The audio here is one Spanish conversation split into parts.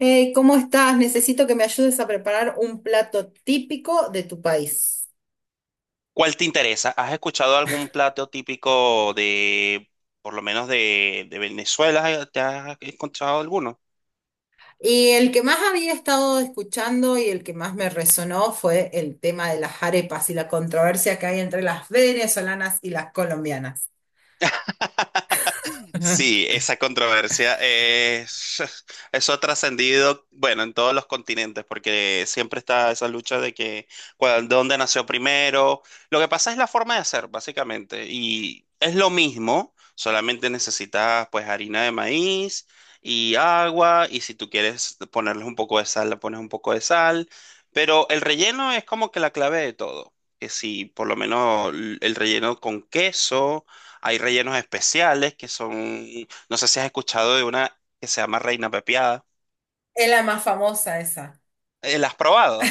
Hey, ¿cómo estás? Necesito que me ayudes a preparar un plato típico de tu país. ¿Cuál te interesa? ¿Has escuchado algún plato típico por lo menos de Venezuela? ¿Te has encontrado alguno? Y el que más había estado escuchando y el que más me resonó fue el tema de las arepas y la controversia que hay entre las venezolanas y las colombianas. Sí, esa controversia es, eso ha trascendido, bueno, en todos los continentes, porque siempre está esa lucha de que dónde nació primero. Lo que pasa es la forma de hacer, básicamente, y es lo mismo, solamente necesitas pues harina de maíz y agua, y si tú quieres ponerles un poco de sal, le pones un poco de sal, pero el relleno es como que la clave de todo. Que si por lo menos el relleno con queso hay rellenos especiales que son, no sé si has escuchado de una que se llama reina pepiada. Es la más famosa esa. ¿La has probado?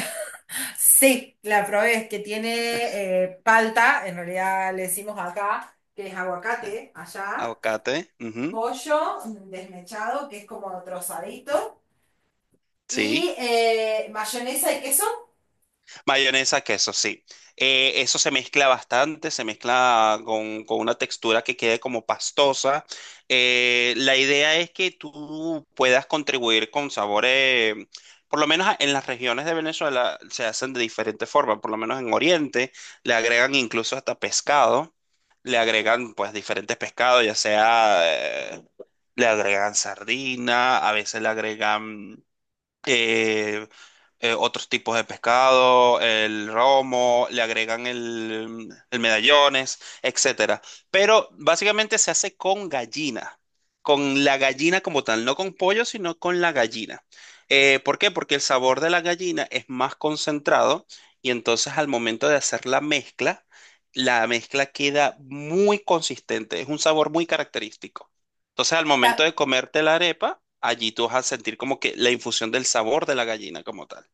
Sí, la probé, es que tiene palta, en realidad le decimos acá, que es aguacate, allá, Aguacate. Ujú. pollo desmechado, que es como trozadito, Sí. y mayonesa y queso. Mayonesa, queso, sí. Eso se mezcla bastante, se mezcla con una textura que quede como pastosa. La idea es que tú puedas contribuir con sabores, por lo menos en las regiones de Venezuela se hacen de diferentes formas, por lo menos en Oriente le agregan incluso hasta pescado, le agregan pues diferentes pescados, ya sea, eh, le agregan sardina, a veces le agregan eh, otros tipos de pescado, el romo, le agregan el medallones, etcétera. Pero básicamente se hace con gallina, con la gallina como tal, no con pollo, sino con la gallina. ¿Por qué? Porque el sabor de la gallina es más concentrado y entonces al momento de hacer la mezcla queda muy consistente, es un sabor muy característico. Entonces, al momento de comerte la arepa, allí tú vas a sentir como que la infusión del sabor de la gallina como tal.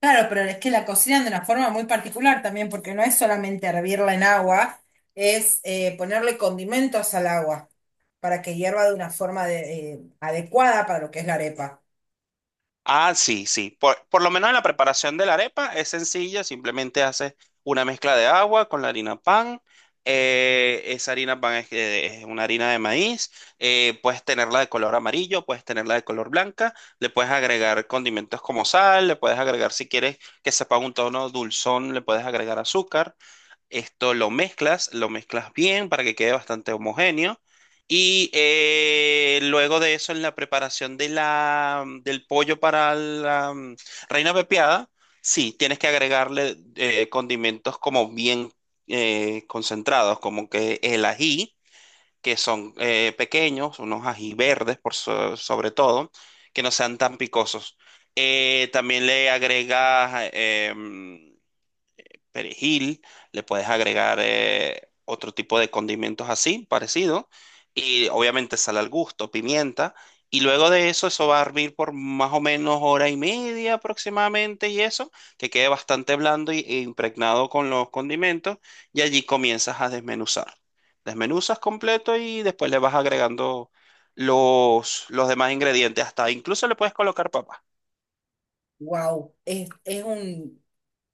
Claro, pero es que la cocinan de una forma muy particular también, porque no es solamente hervirla en agua, es ponerle condimentos al agua para que hierva de una adecuada para lo que es la arepa. Ah, sí, sí. Por lo menos en la preparación de la arepa es sencilla, simplemente haces una mezcla de agua con la harina pan. Esa harina pan es una harina de maíz. Puedes tenerla de color amarillo, puedes tenerla de color blanca. Le puedes agregar condimentos como sal, le puedes agregar si quieres que sepa un tono dulzón, le puedes agregar azúcar. Esto lo mezclas bien para que quede bastante homogéneo. Y luego de eso, en la preparación de la, del pollo para la reina pepiada, sí, tienes que agregarle condimentos como bien concentrados, como que el ají, que son pequeños, unos ají verdes por sobre todo, que no sean tan picosos. También le agregas perejil, le puedes agregar otro tipo de condimentos así, parecido, y obviamente sal al gusto, pimienta, y luego de eso eso va a hervir por más o menos hora y media aproximadamente y eso, que quede bastante blando y, e impregnado con los condimentos, y allí comienzas a desmenuzar. Desmenuzas completo y después le vas agregando los demás ingredientes, hasta incluso le puedes colocar papas, Wow,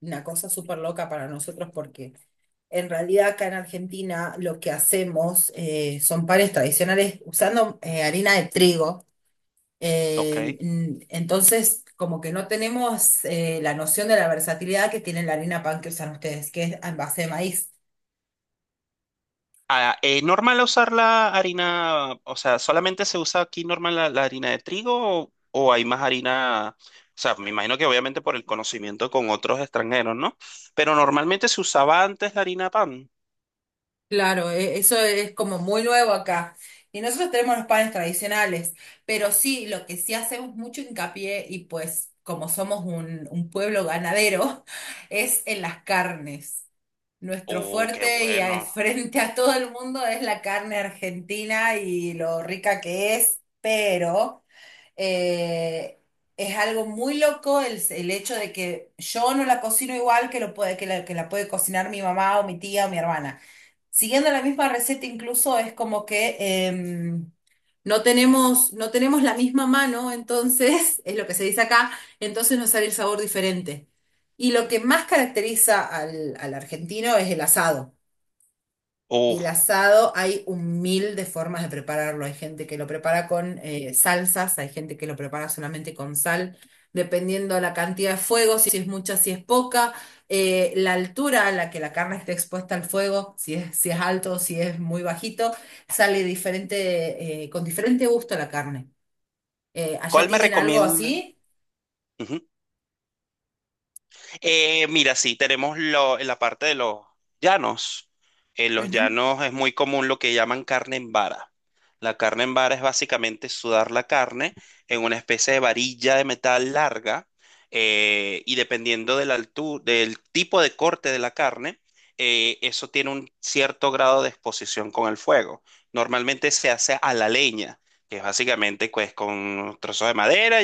una cosa súper loca para nosotros porque en realidad acá en Argentina lo que hacemos son panes tradicionales usando harina de trigo. ¿Ok? Entonces, como que no tenemos la noción de la versatilidad que tiene la harina pan que usan ustedes, que es en base de maíz. Ah, ¿normal usar la harina? O sea, ¿solamente se usa aquí normal la harina de trigo o hay más harina? O sea, me imagino que obviamente por el conocimiento con otros extranjeros, ¿no? Pero normalmente se usaba antes la harina de pan. Claro, eso es como muy nuevo acá. Y nosotros tenemos los panes tradicionales, pero sí, lo que sí hacemos mucho hincapié, y pues como somos un pueblo ganadero, es en las carnes. Nuestro Oh, qué fuerte y bueno. frente a todo el mundo es la carne argentina y lo rica que es, pero eh, es algo muy loco el hecho de que yo no la cocino igual que, lo puede, que la puede cocinar mi mamá o mi tía o mi hermana. Siguiendo la misma receta, incluso es como que em, no tenemos la misma mano, entonces, es lo que se dice acá, entonces nos sale el sabor diferente. Y lo que más caracteriza al argentino es el asado. Y el Oh, asado hay un mil de formas de prepararlo. Hay gente que lo prepara con salsas, hay gente que lo prepara solamente con sal, dependiendo la cantidad de fuego, si es mucha, si es poca, la altura a la que la carne esté expuesta al fuego, si es alto, si es muy bajito, sale diferente, con diferente gusto la carne. ¿Allá ¿cuál me tienen algo recomienda? así? Mira, sí, tenemos lo, en la parte de los llanos. En los Ujú. llanos es muy común lo que llaman carne en vara. La carne en vara es básicamente sudar la carne en una especie de varilla de metal larga y dependiendo de la del tipo de corte de la carne, eso tiene un cierto grado de exposición con el fuego. Normalmente se hace a la leña, que es básicamente pues, con trozos de madera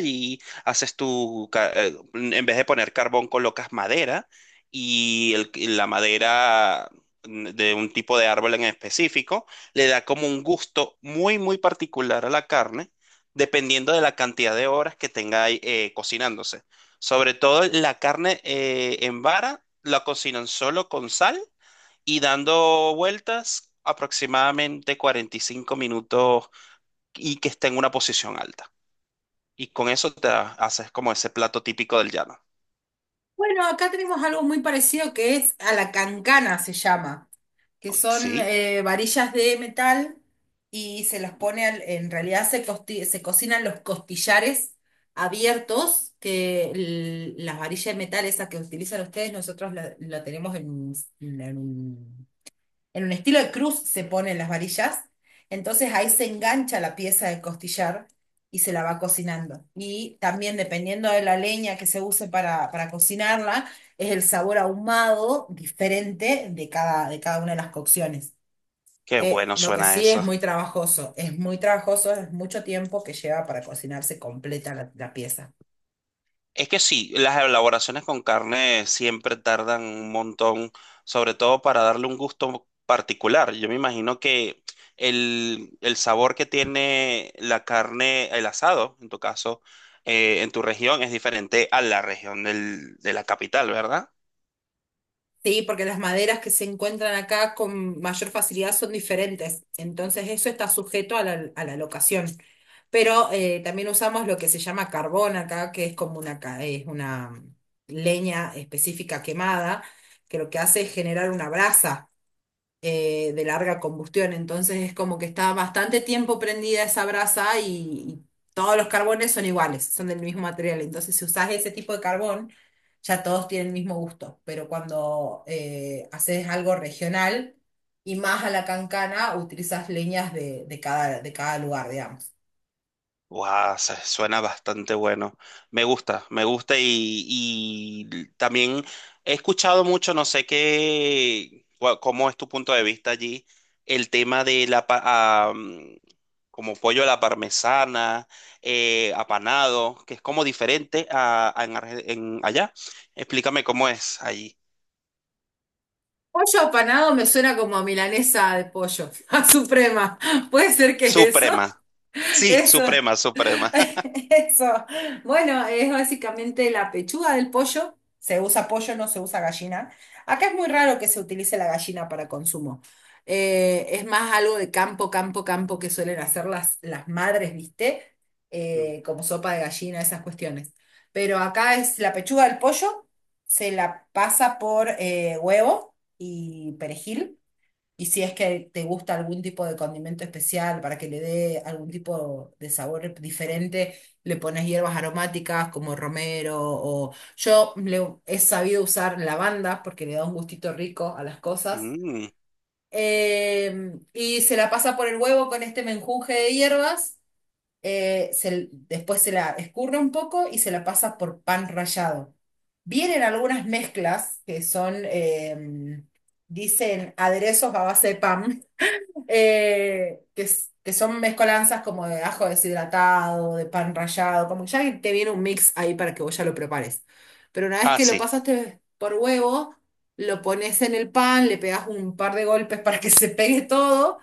haces tu, en vez de poner carbón, colocas madera y y la madera de un tipo de árbol en específico le da como un gusto muy, muy particular a la carne, dependiendo de la cantidad de horas que tenga ahí, cocinándose. Sobre todo la carne en vara la cocinan solo con sal y dando vueltas aproximadamente 45 minutos y que esté en una posición alta. Y con eso te haces como ese plato típico del llano. Bueno, acá tenemos algo muy parecido que es a la cancana, se llama, que son Sí, varillas de metal y se las pone, en realidad se cocinan los costillares abiertos, que las varillas de metal esas que utilizan ustedes, nosotros la tenemos en en un estilo de cruz se ponen las varillas, entonces ahí se engancha la pieza de costillar y se la va cocinando. Y también dependiendo de la leña que se use para cocinarla, es el sabor ahumado diferente de cada una de las cocciones. qué bueno Lo que suena sí es eso. muy trabajoso, es muy trabajoso, es mucho tiempo que lleva para cocinarse completa la pieza. Es que sí, las elaboraciones con carne siempre tardan un montón, sobre todo para darle un gusto particular. Yo me imagino que el sabor que tiene la carne, el asado, en tu caso, en tu región, es diferente a la región de la capital, ¿verdad? Sí, porque las maderas que se encuentran acá con mayor facilidad son diferentes. Entonces eso está sujeto a a la locación. Pero también usamos lo que se llama carbón acá, que es como una, es una leña específica quemada, que lo que hace es generar una brasa de larga combustión, entonces es como que está bastante tiempo prendida esa brasa y todos los carbones son iguales, son del mismo material, entonces si usás ese tipo de carbón, ya todos tienen el mismo gusto, pero cuando haces algo regional y más a la cancana, utilizas leñas de cada lugar, digamos. Guau, suena bastante bueno. Me gusta y también he escuchado mucho, no sé qué, cómo es tu punto de vista allí, el tema de la, pa- ah, mm, como pollo a la parmesana, apanado, que es como diferente a en, en allá. Explícame cómo es allí. Pollo apanado me suena como a milanesa de pollo, a suprema. ¿Puede ser que es eso? Suprema. Sí, Eso. suprema, suprema. Eso. Bueno, es básicamente la pechuga del pollo. Se usa pollo, no se usa gallina. Acá es muy raro que se utilice la gallina para consumo. Es más algo de campo, campo, campo que suelen hacer las madres, ¿viste? Mm. Como sopa de gallina, esas cuestiones. Pero acá es la pechuga del pollo, se la pasa por huevo y perejil. Y si es que te gusta algún tipo de condimento especial para que le dé algún tipo de sabor diferente, le pones hierbas aromáticas como romero o he sabido usar lavanda porque le da un gustito rico a las cosas. Mm. Y se la pasa por el huevo con este menjunje de hierbas. Después se la escurre un poco y se la pasa por pan rallado. Vienen algunas mezclas que son, dicen aderezos a base de pan que, que son mezcolanzas como de ajo deshidratado, de pan rallado, como que ya te viene un mix ahí para que vos ya lo prepares. Pero una vez Ah, que lo sí. pasaste por huevo, lo pones en el pan, le pegas un par de golpes para que se pegue todo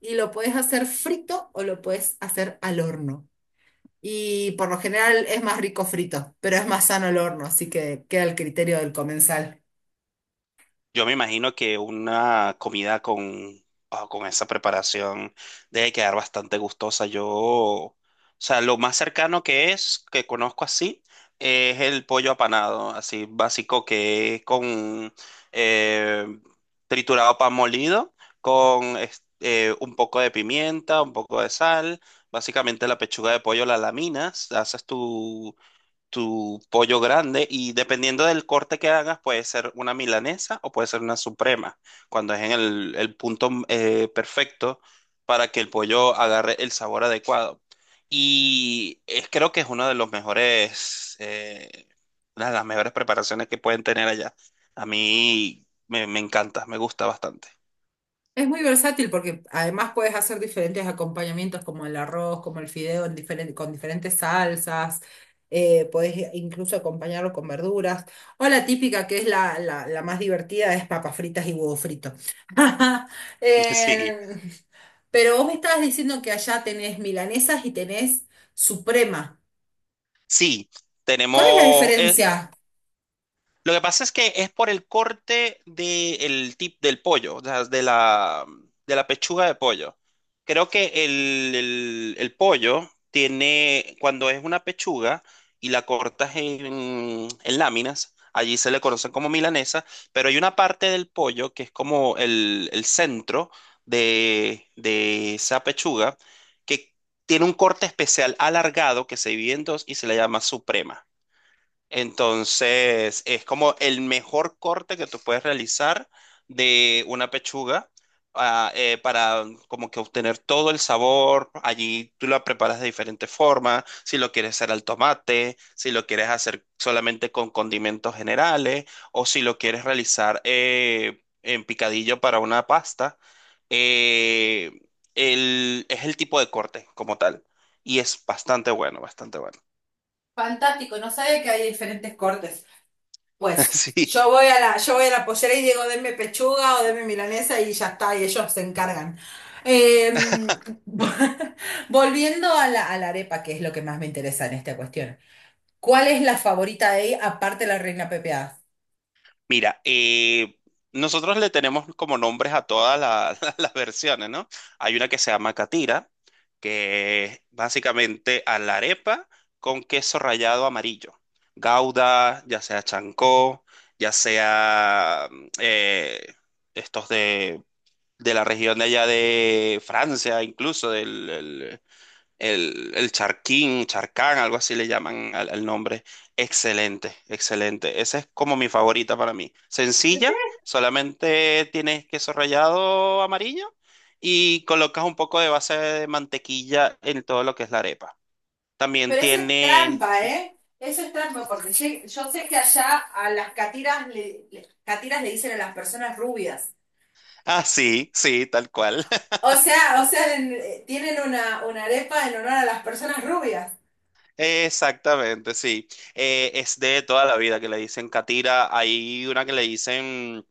y lo puedes hacer frito o lo puedes hacer al horno. Y por lo general es más rico frito, pero es más sano el horno, así que queda el criterio del comensal. Yo me imagino que una comida con esa preparación debe quedar bastante gustosa. Yo, o sea, lo más cercano que conozco así, es el pollo apanado, así básico que es con eh, triturado pan molido, con un poco de pimienta, un poco de sal. Básicamente la pechuga de pollo la laminas, haces tu pollo grande y dependiendo del corte que hagas puede ser una milanesa o puede ser una suprema, cuando es en el punto perfecto para que el pollo agarre el sabor adecuado. Y es, creo que es una de las mejores preparaciones que pueden tener allá. A mí me, me encanta, me gusta bastante. Es muy versátil porque además puedes hacer diferentes acompañamientos como el arroz, como el fideo en con diferentes salsas, podés incluso acompañarlo con verduras. O la típica que es la más divertida es papas fritas y huevo frito. Sí, Eh, pero vos me estabas diciendo que allá tenés milanesas y tenés suprema. sí. ¿Cuál es la Tenemos, diferencia? lo que pasa es que es por el corte del pollo, o sea, de la pechuga de pollo. Creo que el pollo tiene, cuando es una pechuga y la cortas en láminas, allí se le conocen como milanesa, pero hay una parte del pollo que es como el centro de esa pechuga que tiene un corte especial alargado que se divide en dos y se le llama suprema. Entonces, es como el mejor corte que tú puedes realizar de una pechuga ah, para como que obtener todo el sabor. Allí tú la preparas de diferentes formas, si lo quieres hacer al tomate, si lo quieres hacer solamente con condimentos generales o si lo quieres realizar en picadillo para una pasta. Eh, es el tipo de corte como tal y es bastante bueno, bastante bueno. Fantástico, no sabía que hay diferentes cortes. Pues Sí. Yo voy a la pollera y digo, denme pechuga o denme milanesa y ya está, y ellos se encargan. Eh, Volviendo a a la arepa, que es lo que más me interesa en esta cuestión. ¿Cuál es la favorita de ahí aparte de la reina pepeada? Mira, nosotros le tenemos como nombres a todas las versiones, ¿no? Hay una que se llama catira, que es básicamente a la arepa con queso rallado amarillo. Gouda, ya sea chancó, ya sea estos de, la región de allá de Francia, incluso el charquín, charcán, algo así le llaman al nombre. Excelente, excelente. Esa es como mi favorita para mí. Sencilla, solamente tienes queso rallado amarillo y colocas un poco de base de mantequilla en todo lo que es la arepa. También Pero eso es tiene... trampa, ¿eh? Eso es trampa, porque sí, yo sé que allá a las catiras catiras le dicen a las personas rubias. Ah, sí, sí, tal cual. O sea, tienen una arepa en honor a las personas rubias. Exactamente, sí. Es de toda la vida que le dicen catira. Hay una que le dicen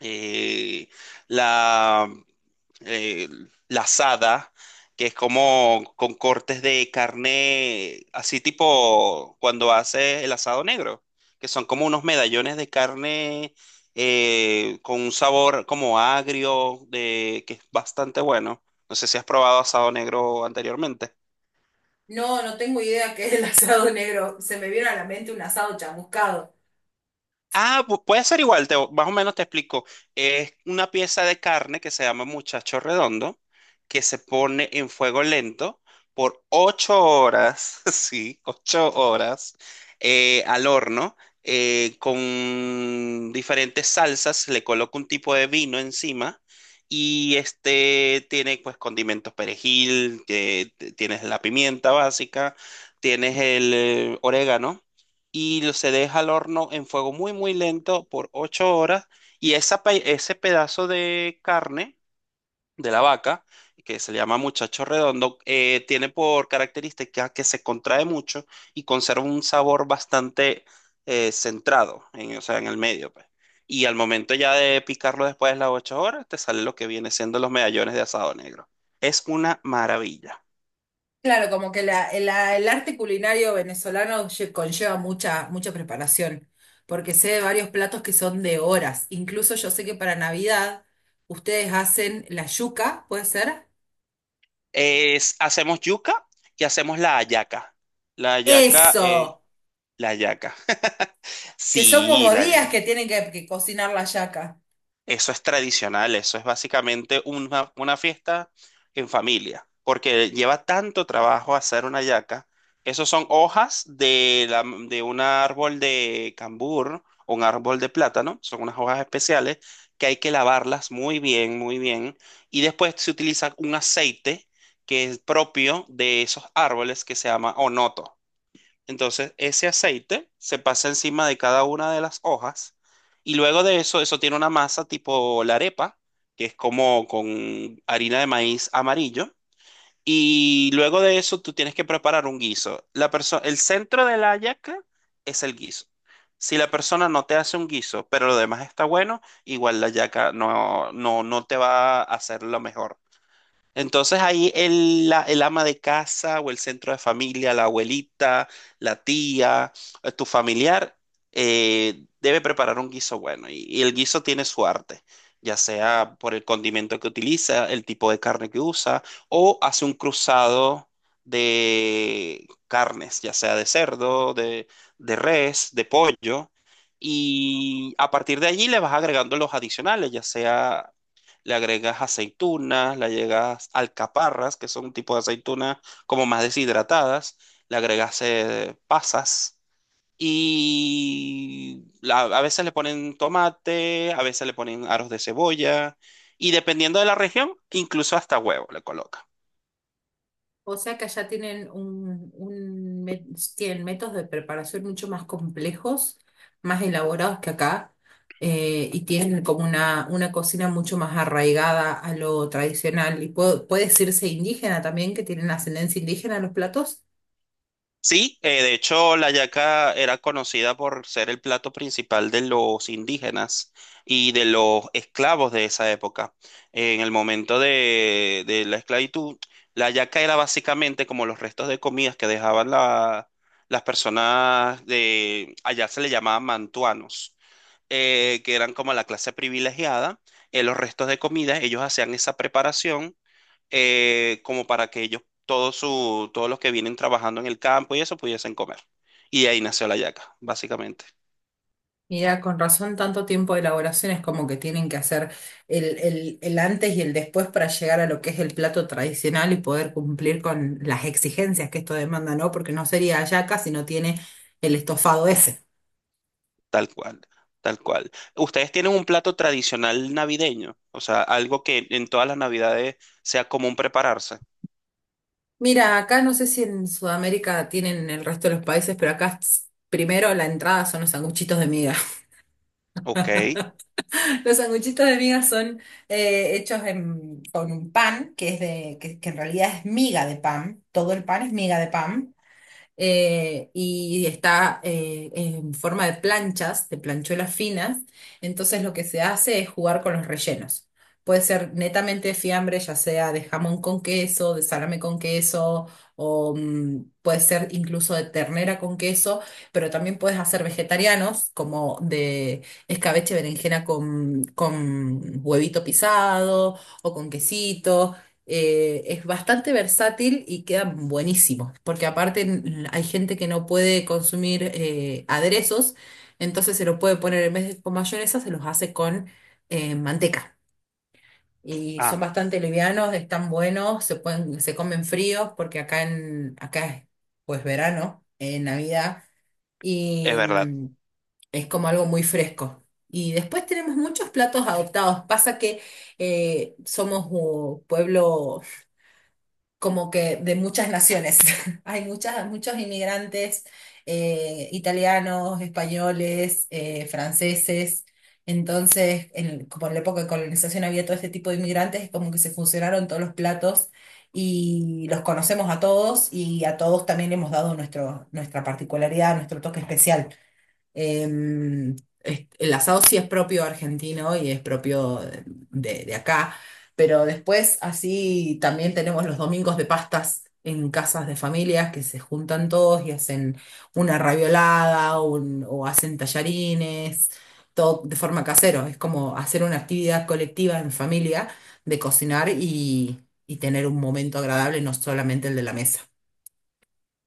eh, la, eh, la asada, que es como con cortes de carne, así tipo cuando hace el asado negro, que son como unos medallones de carne con un sabor como agrio, de, que es bastante bueno. No sé si has probado asado negro anteriormente. No, no tengo idea qué es el asado negro. Se me vino a la mente un asado chamuscado. Ah, puede ser igual, más o menos te explico. Es una pieza de carne que se llama muchacho redondo, que se pone en fuego lento por 8 horas, sí, 8 horas al horno, con diferentes salsas, le coloco un tipo de vino encima y este tiene pues condimentos perejil, que tienes la pimienta básica, tienes el orégano y se deja al horno en fuego muy, muy lento por 8 horas. Y ese pedazo de carne de la vaca, que se le llama muchacho redondo, tiene por característica que se contrae mucho y conserva un sabor bastante centrado, en, o sea, en el medio, pues. Y al momento ya de picarlo después de las 8 horas, te sale lo que viene siendo los medallones de asado negro. Es una maravilla. Claro, como que el arte culinario venezolano conlleva mucha, mucha preparación, porque sé de varios platos que son de horas. Incluso yo sé que para Navidad ustedes hacen la yuca, ¿puede ser? Hacemos yuca y hacemos la hallaca. La hallaca. Eso, La hallaca. que son Sí, como la días que hallaca. tienen que cocinar la yaca. Eso es tradicional, eso es básicamente una fiesta en familia, porque lleva tanto trabajo hacer una hallaca. Esos son hojas de un árbol de cambur o un árbol de plátano, son unas hojas especiales que hay que lavarlas muy bien, y después se utiliza un aceite que es propio de esos árboles que se llama onoto. Entonces, ese aceite se pasa encima de cada una de las hojas y luego de eso, eso tiene una masa tipo la arepa, que es como con harina de maíz amarillo. Y luego de eso, tú tienes que preparar un guiso. El centro de la hallaca es el guiso. Si la persona no te hace un guiso, pero lo demás está bueno, igual la hallaca no, no, no te va a hacer lo mejor. Entonces ahí el ama de casa o el centro de familia, la abuelita, la tía, tu familiar, debe preparar un guiso bueno y el guiso tiene su arte, ya sea por el condimento que utiliza, el tipo de carne que usa o hace un cruzado de carnes, ya sea de cerdo, de res, de pollo. Y a partir de allí le vas agregando los adicionales, ya sea le agregas aceitunas, le agregas alcaparras, que son un tipo de aceitunas como más deshidratadas, le agregas pasas y a veces le ponen tomate, a veces le ponen aros de cebolla y dependiendo de la región, incluso hasta huevo le colocan. O sea que allá tienen un, tienen métodos de preparación mucho más complejos, más elaborados que acá, y tienen como una cocina mucho más arraigada a lo tradicional. Y puede, puede decirse indígena también, que tienen ascendencia indígena en los platos. Sí, de hecho la yaca era conocida por ser el plato principal de los indígenas y de los esclavos de esa época. En el momento de la esclavitud, la yaca era básicamente como los restos de comidas que dejaban las personas allá se le llamaban mantuanos, que eran como la clase privilegiada. En los restos de comida, ellos hacían esa preparación como para que ellos, todos, su, todos los que vienen trabajando en el campo y eso, pudiesen comer. Y de ahí nació la yaca, básicamente, Mira, con razón, tanto tiempo de elaboración es como que tienen que hacer el antes y el después para llegar a lo que es el plato tradicional y poder cumplir con las exigencias que esto demanda, ¿no? Porque no sería hallaca si no tiene el estofado ese. tal cual, tal cual. ¿Ustedes tienen un plato tradicional navideño? O sea, algo que en todas las navidades sea común prepararse. Mira, acá no sé si en Sudamérica tienen en el resto de los países, pero primero la entrada son los sanguchitos de miga. Ok. Los sanguchitos de miga son con un pan que es que en realidad es miga de pan. Todo el pan es miga de pan y está en forma de planchas, de planchuelas finas. Entonces lo que se hace es jugar con los rellenos. Puede ser netamente fiambre, ya sea de jamón con queso, de salame con queso, o mm, puede ser incluso de ternera con queso, pero también puedes hacer vegetarianos, como de escabeche berenjena con huevito pisado o con quesito es bastante versátil y quedan buenísimos, porque aparte hay gente que no puede consumir aderezos, entonces se los puede poner en vez de con mayonesa, se los hace con manteca. Y son Ah, bastante livianos, están buenos, se pueden, se comen fríos, porque acá es pues verano, Navidad, es y verdad. Es como algo muy fresco. Y después tenemos muchos platos adoptados. Pasa que somos pueblo como que de muchas naciones. Hay muchos inmigrantes italianos, españoles, franceses. Entonces, como en la época de colonización había todo este tipo de inmigrantes, como que se fusionaron todos los platos y los conocemos a todos y a todos también le hemos dado nuestra particularidad, nuestro toque especial. Eh, el asado sí es propio argentino y es propio acá, pero después así también tenemos los domingos de pastas en casas de familias que se juntan todos y hacen una raviolada o hacen tallarines, todo de forma casero. Es como hacer una actividad colectiva en familia de cocinar y tener un momento agradable, no solamente el de la mesa.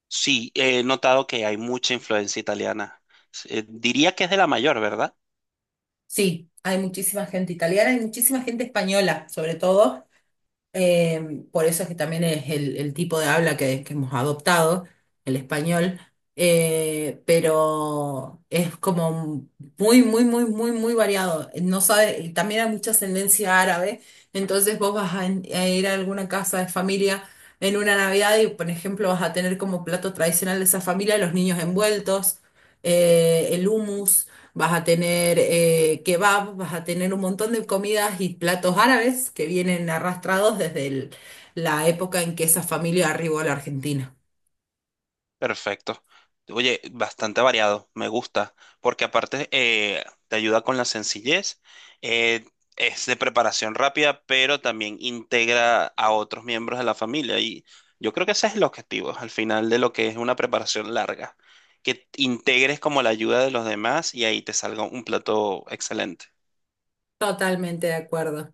Sí, he notado que hay mucha influencia italiana. Diría que es de la mayor, ¿verdad? Sí, hay muchísima gente italiana y muchísima gente española, sobre todo. Por eso es que también es el tipo de habla que hemos adoptado, el español, pero es como muy, muy, muy, muy, muy variado. No sabe, y también hay mucha ascendencia árabe, entonces vos vas a ir a alguna casa de familia en una Navidad y, por ejemplo, vas a tener como plato tradicional de esa familia los niños envueltos, el hummus. Vas a tener kebab, vas a tener un montón de comidas y platos árabes que vienen arrastrados desde la época en que esa familia arribó a la Argentina. Perfecto. Oye, bastante variado, me gusta, porque aparte te ayuda con la sencillez, eh, es de preparación rápida, pero también integra a otros miembros de la familia y yo creo que ese es el objetivo al final de lo que es una preparación larga, que integres como la ayuda de los demás y ahí te salga un plato excelente. Totalmente de acuerdo.